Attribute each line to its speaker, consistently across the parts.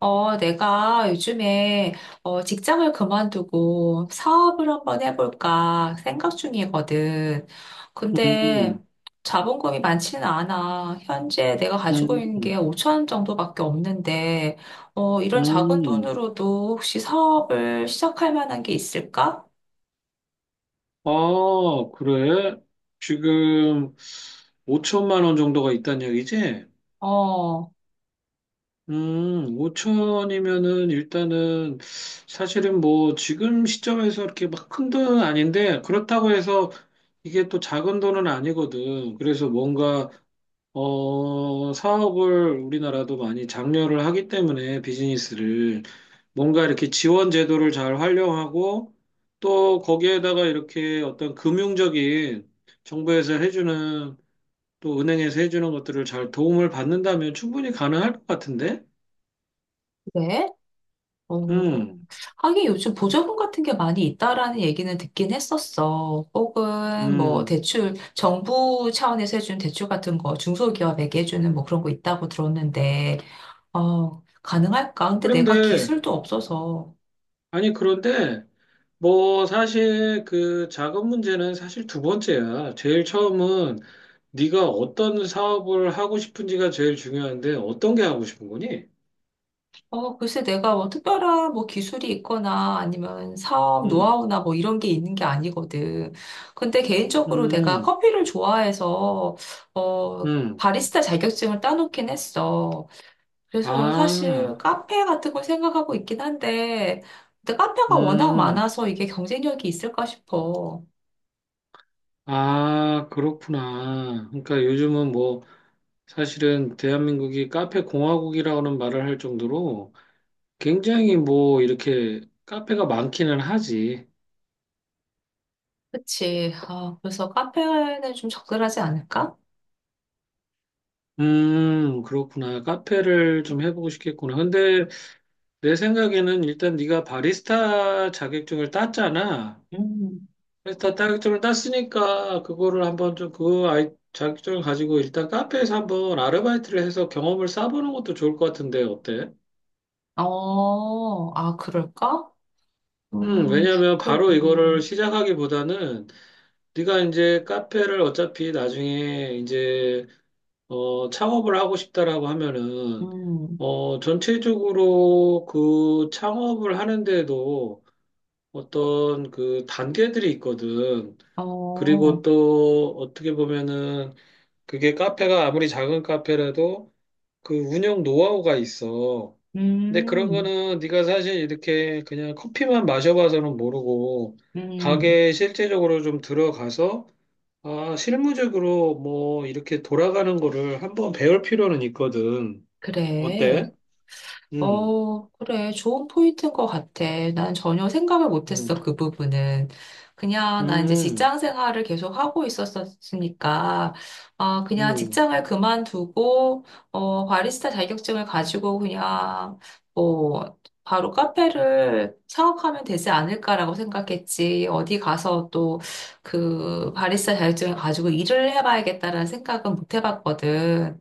Speaker 1: 내가 요즘에 직장을 그만두고 사업을 한번 해볼까 생각 중이거든. 근데
Speaker 2: 음,
Speaker 1: 자본금이 많지는 않아. 현재 내가 가지고
Speaker 2: 음,
Speaker 1: 있는 게 5천 원 정도밖에 없는데, 이런 작은
Speaker 2: 음.
Speaker 1: 돈으로도 혹시 사업을 시작할 만한 게 있을까?
Speaker 2: 아, 그래? 지금 5천만 원 정도가 있다는 얘기지?
Speaker 1: 어,
Speaker 2: 5천이면은 일단은 사실은 뭐 지금 시점에서 이렇게 막 큰 돈은 아닌데 그렇다고 해서 이게 또 작은 돈은 아니거든. 그래서 뭔가 사업을 우리나라도 많이 장려를 하기 때문에 비즈니스를 뭔가 이렇게 지원 제도를 잘 활용하고 또 거기에다가 이렇게 어떤 금융적인 정부에서 해주는, 또 은행에서 해주는 것들을 잘 도움을 받는다면 충분히 가능할 것 같은데?
Speaker 1: 그래? 어,
Speaker 2: 음,
Speaker 1: 하긴 요즘 보조금 같은 게 많이 있다라는 얘기는 듣긴 했었어. 혹은 뭐
Speaker 2: 음.
Speaker 1: 대출, 정부 차원에서 해주는 대출 같은 거, 중소기업에게 해주는 뭐 그런 거 있다고 들었는데, 가능할까? 근데 내가
Speaker 2: 그런데,
Speaker 1: 기술도 없어서,
Speaker 2: 아니, 그런데 뭐, 사실 그 작업 문제는 사실 두 번째야. 제일 처음은 네가 어떤 사업을 하고 싶은지가 제일 중요한데, 어떤 게 하고 싶은 거니?
Speaker 1: 글쎄 내가 뭐 특별한 뭐 기술이 있거나 아니면 사업
Speaker 2: 음,
Speaker 1: 노하우나 뭐 이런 게 있는 게 아니거든. 근데 개인적으로 내가
Speaker 2: 음,
Speaker 1: 커피를 좋아해서, 어,
Speaker 2: 음.
Speaker 1: 바리스타 자격증을 따놓긴 했어. 그래서 사실
Speaker 2: 아,
Speaker 1: 카페 같은 걸 생각하고 있긴 한데, 근데 카페가 워낙
Speaker 2: 음.
Speaker 1: 많아서 이게 경쟁력이 있을까 싶어.
Speaker 2: 아, 그렇구나. 그러니까 요즘은 뭐 사실은 대한민국이 카페 공화국이라는 말을 할 정도로 굉장히 뭐 이렇게 카페가 많기는 하지.
Speaker 1: 그치. 아, 그래서 카페는 좀 적절하지 않을까?
Speaker 2: 그렇구나. 카페를 좀 해보고 싶겠구나. 근데 내 생각에는 일단 네가 바리스타 자격증을 땄잖아.
Speaker 1: 음.
Speaker 2: 바리스타 자격증을 땄으니까 그거를 한번 좀 그 아이 자격증을 가지고 일단 카페에서 한번 아르바이트를 해서 경험을 쌓아보는 것도 좋을 것 같은데 어때?
Speaker 1: 어, 아, 그럴까? 음,
Speaker 2: 왜냐면
Speaker 1: 그,
Speaker 2: 바로 이거를
Speaker 1: 음,
Speaker 2: 시작하기보다는 네가 이제 카페를 어차피 나중에 이제 창업을 하고 싶다라고 하면은
Speaker 1: 음,
Speaker 2: 전체적으로 그 창업을 하는데도 어떤 그 단계들이 있거든. 그리고
Speaker 1: 어,
Speaker 2: 또 어떻게 보면은 그게 카페가 아무리 작은 카페라도 그 운영 노하우가 있어. 근데 그런
Speaker 1: 음,
Speaker 2: 거는 네가 사실 이렇게 그냥 커피만 마셔봐서는 모르고
Speaker 1: 음,
Speaker 2: 가게에 실제적으로 좀 들어가서 아, 실무적으로 뭐 이렇게 돌아가는 거를 한번 배울 필요는 있거든.
Speaker 1: 그래.
Speaker 2: 어때? 음,
Speaker 1: 어, 그래. 좋은 포인트인 것 같아. 난 전혀 생각을 못했어,
Speaker 2: 음,
Speaker 1: 그 부분은. 그냥 나 이제
Speaker 2: 음,
Speaker 1: 직장 생활을 계속 하고 있었으니까, 아, 그냥
Speaker 2: 음,
Speaker 1: 직장을 그만두고, 바리스타 자격증을 가지고 그냥, 뭐, 바로 카페를 창업하면 되지 않을까라고 생각했지. 어디 가서 또 그 바리스타 자격증을 가지고 일을 해봐야겠다라는 생각은 못 해봤거든.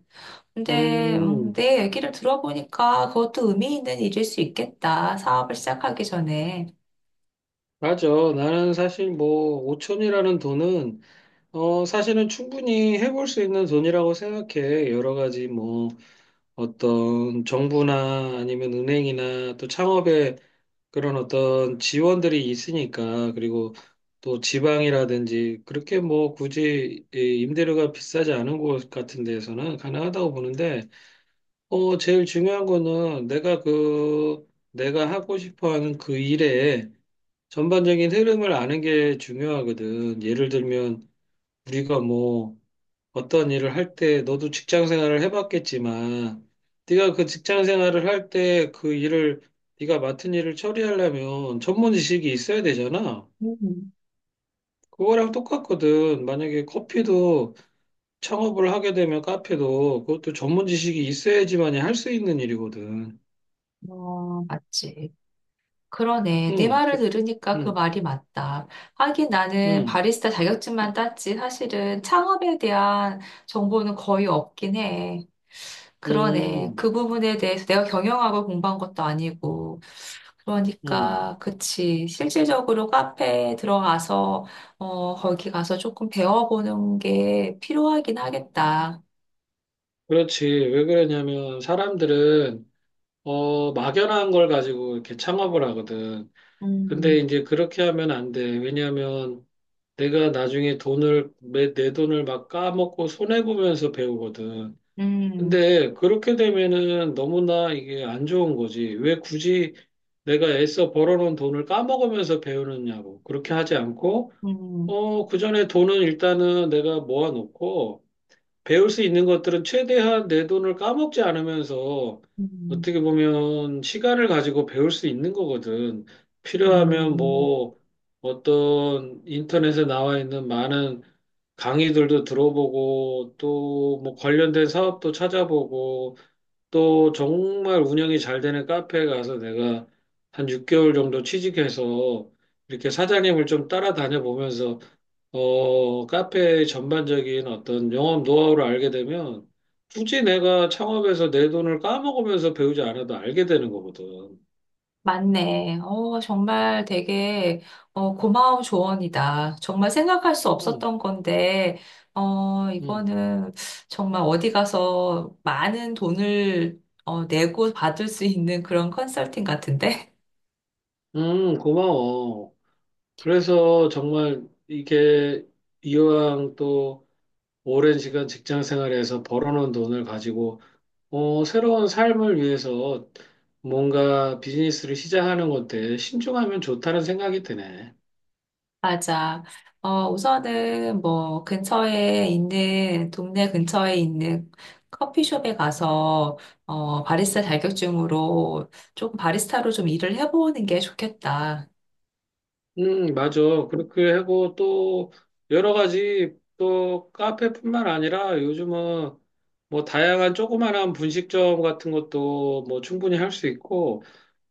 Speaker 1: 근데
Speaker 2: 음.
Speaker 1: 내 얘기를 들어보니까 그것도 의미 있는 일일 수 있겠다. 사업을 시작하기 전에.
Speaker 2: 맞아. 나는 사실 뭐 5천이라는 돈은 사실은 충분히 해볼 수 있는 돈이라고 생각해. 여러 가지 뭐 어떤 정부나 아니면 은행이나 또 창업에 그런 어떤 지원들이 있으니까, 그리고 또 지방이라든지 그렇게 뭐 굳이 이 임대료가 비싸지 않은 곳 같은 데에서는 가능하다고 보는데, 제일 중요한 거는 내가 그 내가 하고 싶어 하는 그 일에 전반적인 흐름을 아는 게 중요하거든. 예를 들면 우리가 뭐 어떤 일을 할 때 너도 직장 생활을 해봤겠지만, 네가 그 직장 생활을 할 때 그 일을 네가 맡은 일을 처리하려면 전문 지식이 있어야 되잖아.
Speaker 1: 음.
Speaker 2: 그거랑 똑같거든. 만약에 커피도 창업을 하게 되면 카페도 그것도 전문 지식이 있어야지만이 할 수 있는 일이거든.
Speaker 1: 어, 맞지. 그러네. 네
Speaker 2: 응,
Speaker 1: 말을 들으니까 그
Speaker 2: 응,
Speaker 1: 말이 맞다. 하긴 나는
Speaker 2: 응,
Speaker 1: 바리스타 자격증만 땄지 사실은 창업에 대한 정보는 거의 없긴 해. 그러네.
Speaker 2: 응,
Speaker 1: 그 부분에 대해서 내가 경영학을 공부한 것도 아니고.
Speaker 2: 응.
Speaker 1: 그러니까, 그치. 실질적으로 카페에 들어가서, 거기 가서 조금 배워보는 게 필요하긴 하겠다.
Speaker 2: 그렇지. 왜 그러냐면 사람들은 막연한 걸 가지고 이렇게 창업을 하거든. 근데
Speaker 1: 음,
Speaker 2: 이제 그렇게 하면 안 돼. 왜냐하면 내가 나중에 내 돈을 막 까먹고 손해보면서 배우거든.
Speaker 1: 음,
Speaker 2: 근데 그렇게 되면은 너무나 이게 안 좋은 거지. 왜 굳이 내가 애써 벌어놓은 돈을 까먹으면서 배우느냐고. 그렇게 하지 않고,
Speaker 1: 음,
Speaker 2: 그 전에 돈은 일단은 내가 모아놓고, 배울 수 있는 것들은 최대한 내 돈을 까먹지 않으면서
Speaker 1: 음,
Speaker 2: 어떻게 보면 시간을 가지고 배울 수 있는 거거든. 필요하면
Speaker 1: 음.
Speaker 2: 뭐 어떤 인터넷에 나와 있는 많은 강의들도 들어보고, 또 뭐 관련된 사업도 찾아보고, 또 정말 운영이 잘 되는 카페에 가서 내가 한 6개월 정도 취직해서 이렇게 사장님을 좀 따라다녀 보면서 카페의 전반적인 어떤 영업 노하우를 알게 되면, 굳이 내가 창업해서 내 돈을 까먹으면서 배우지 않아도 알게 되는 거거든.
Speaker 1: 맞네. 어, 정말 되게 고마운 조언이다. 정말 생각할 수
Speaker 2: 응,
Speaker 1: 없었던 건데, 어,
Speaker 2: 응,
Speaker 1: 이거는 정말 어디 가서 많은 돈을 내고 받을 수 있는 그런 컨설팅 같은데?
Speaker 2: 응, 고마워. 그래서 정말 이게 이왕 또 오랜 시간 직장 생활에서 벌어놓은 돈을 가지고 새로운 삶을 위해서 뭔가 비즈니스를 시작하는 건데 신중하면 좋다는 생각이 드네.
Speaker 1: 맞아. 우선은 뭐 근처에 있는, 동네 근처에 있는 커피숍에 가서 바리스타 자격증으로 조금 바리스타로 좀 일을 해보는 게 좋겠다.
Speaker 2: 맞아. 그렇게 하고 또 여러 가지 또 카페뿐만 아니라 요즘은 뭐 다양한 조그마한 분식점 같은 것도 뭐 충분히 할 수 있고,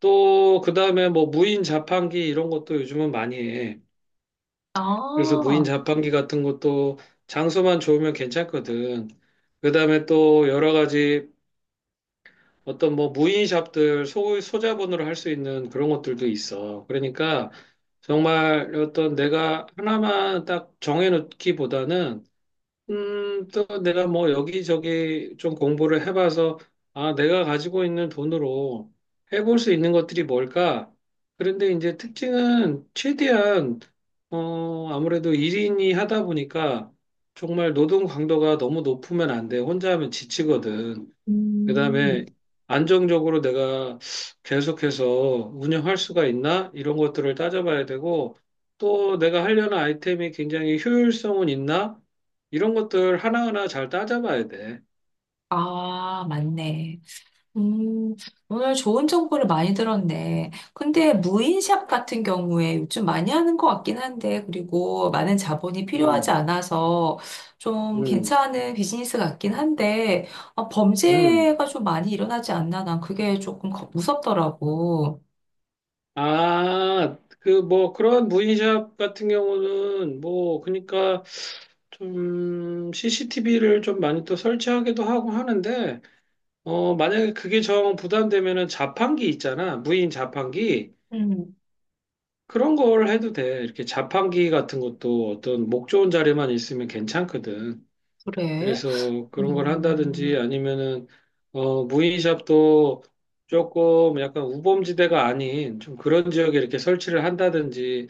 Speaker 2: 또 그다음에 뭐 무인 자판기 이런 것도 요즘은 많이 해. 그래서 무인
Speaker 1: 아,
Speaker 2: 자판기 같은 것도 장소만 좋으면 괜찮거든. 그다음에 또 여러 가지 어떤 뭐 무인샵들 소자본으로 할 수 있는 그런 것들도 있어. 그러니까 정말 어떤 내가 하나만 딱 정해놓기보다는 또 내가 뭐 여기저기 좀 공부를 해봐서 아, 내가 가지고 있는 돈으로 해볼 수 있는 것들이 뭘까? 그런데 이제 특징은 최대한 아무래도 1인이 하다 보니까 정말 노동 강도가 너무 높으면 안 돼. 혼자 하면 지치거든.
Speaker 1: 음,
Speaker 2: 그다음에 안정적으로 내가 계속해서 운영할 수가 있나? 이런 것들을 따져봐야 되고, 또 내가 하려는 아이템이 굉장히 효율성은 있나? 이런 것들 하나하나 잘 따져봐야 돼.
Speaker 1: 아, 맞네. 음, 오늘 좋은 정보를 많이 들었네. 근데 무인샵 같은 경우에 요즘 많이 하는 것 같긴 한데, 그리고 많은 자본이 필요하지
Speaker 2: 음,
Speaker 1: 않아서 좀
Speaker 2: 음,
Speaker 1: 괜찮은 비즈니스 같긴 한데, 아,
Speaker 2: 음.
Speaker 1: 범죄가 좀 많이 일어나지 않나? 난 그게 조금 겁- 무섭더라고.
Speaker 2: 아, 그 뭐 그런 무인샵 같은 경우는 뭐 그러니까 좀 CCTV를 좀 많이 또 설치하기도 하고 하는데, 만약에 그게 정 부담되면은 자판기 있잖아. 무인 자판기.
Speaker 1: 음,
Speaker 2: 그런 걸 해도 돼. 이렇게 자판기 같은 것도 어떤 목 좋은 자리만 있으면 괜찮거든.
Speaker 1: 그래.
Speaker 2: 그래서 그런 걸 한다든지
Speaker 1: 음,
Speaker 2: 아니면은 무인샵도 조금 약간 우범지대가 아닌 좀 그런 지역에 이렇게 설치를 한다든지,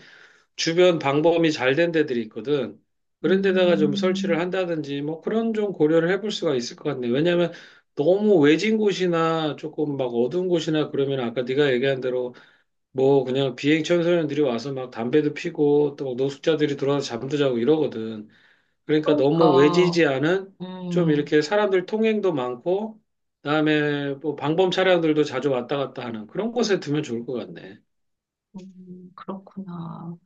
Speaker 2: 주변 방범이 잘 된 데들이 있거든. 그런 데다가 좀 설치를
Speaker 1: 음,
Speaker 2: 한다든지 뭐 그런 좀 고려를 해볼 수가 있을 것 같네. 왜냐면 너무 외진 곳이나 조금 막 어두운 곳이나 그러면 아까 네가 얘기한 대로 뭐 그냥 비행 청소년들이 와서 막 담배도 피고 또 막 노숙자들이 들어와서 잠도 자고 이러거든. 그러니까 너무
Speaker 1: 그러니까,
Speaker 2: 외지지 않은 좀
Speaker 1: 음,
Speaker 2: 이렇게 사람들 통행도 많고, 그다음에 뭐 방범 차량들도 자주 왔다 갔다 하는 그런 곳에 두면 좋을 것 같네.
Speaker 1: 그렇구나.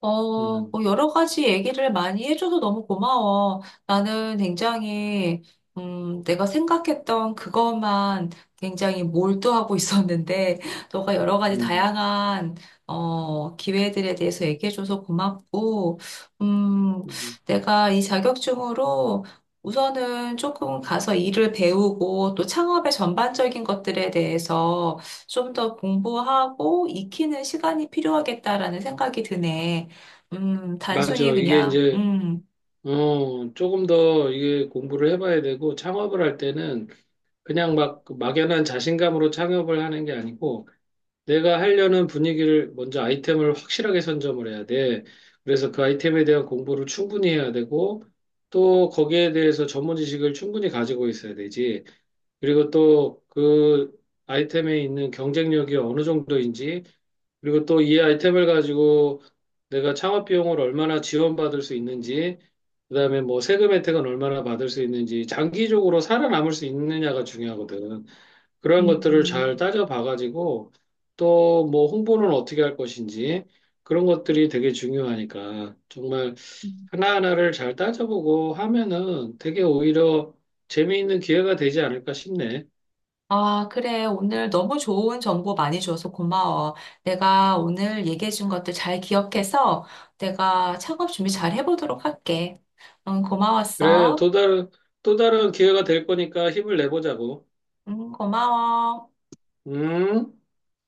Speaker 1: 어,
Speaker 2: 음,
Speaker 1: 뭐 여러 가지 얘기를 많이 해줘서 너무 고마워. 나는 굉장히, 내가 생각했던 그것만 굉장히 몰두하고 있었는데, 너가 여러 가지
Speaker 2: 음,
Speaker 1: 다양한, 기회들에 대해서 얘기해줘서 고맙고, 음,
Speaker 2: 음.
Speaker 1: 내가 이 자격증으로 우선은 조금 가서 일을 배우고, 또 창업의 전반적인 것들에 대해서 좀 더 공부하고 익히는 시간이 필요하겠다라는 생각이 드네. 단순히
Speaker 2: 맞아. 이게
Speaker 1: 그냥,
Speaker 2: 이제 조금 더 이게 공부를 해봐야 되고, 창업을 할 때는 그냥 막 막연한 자신감으로 창업을 하는 게 아니고 내가 하려는 분위기를 먼저 아이템을 확실하게 선점을 해야 돼. 그래서 그 아이템에 대한 공부를 충분히 해야 되고, 또 거기에 대해서 전문 지식을 충분히 가지고 있어야 되지. 그리고 또 그 아이템에 있는 경쟁력이 어느 정도인지, 그리고 또 이 아이템을 가지고 내가 창업 비용을 얼마나 지원받을 수 있는지, 그다음에 뭐 세금 혜택은 얼마나 받을 수 있는지, 장기적으로 살아남을 수 있느냐가 중요하거든. 그런 것들을
Speaker 1: 음,
Speaker 2: 잘 따져봐가지고 또 뭐 홍보는 어떻게 할 것인지, 그런 것들이 되게 중요하니까 정말
Speaker 1: 음.
Speaker 2: 하나하나를 잘 따져보고 하면은 되게 오히려 재미있는 기회가 되지 않을까 싶네.
Speaker 1: 아, 그래. 오늘 너무 좋은 정보 많이 줘서 고마워. 내가 오늘 얘기해준 것들 잘 기억해서 내가 창업 준비 잘 해보도록 할게. 응,
Speaker 2: 그래,
Speaker 1: 고마웠어.
Speaker 2: 또 다른, 또 다른 기회가 될 거니까 힘을 내보자고.
Speaker 1: 응, 고마워.
Speaker 2: 음.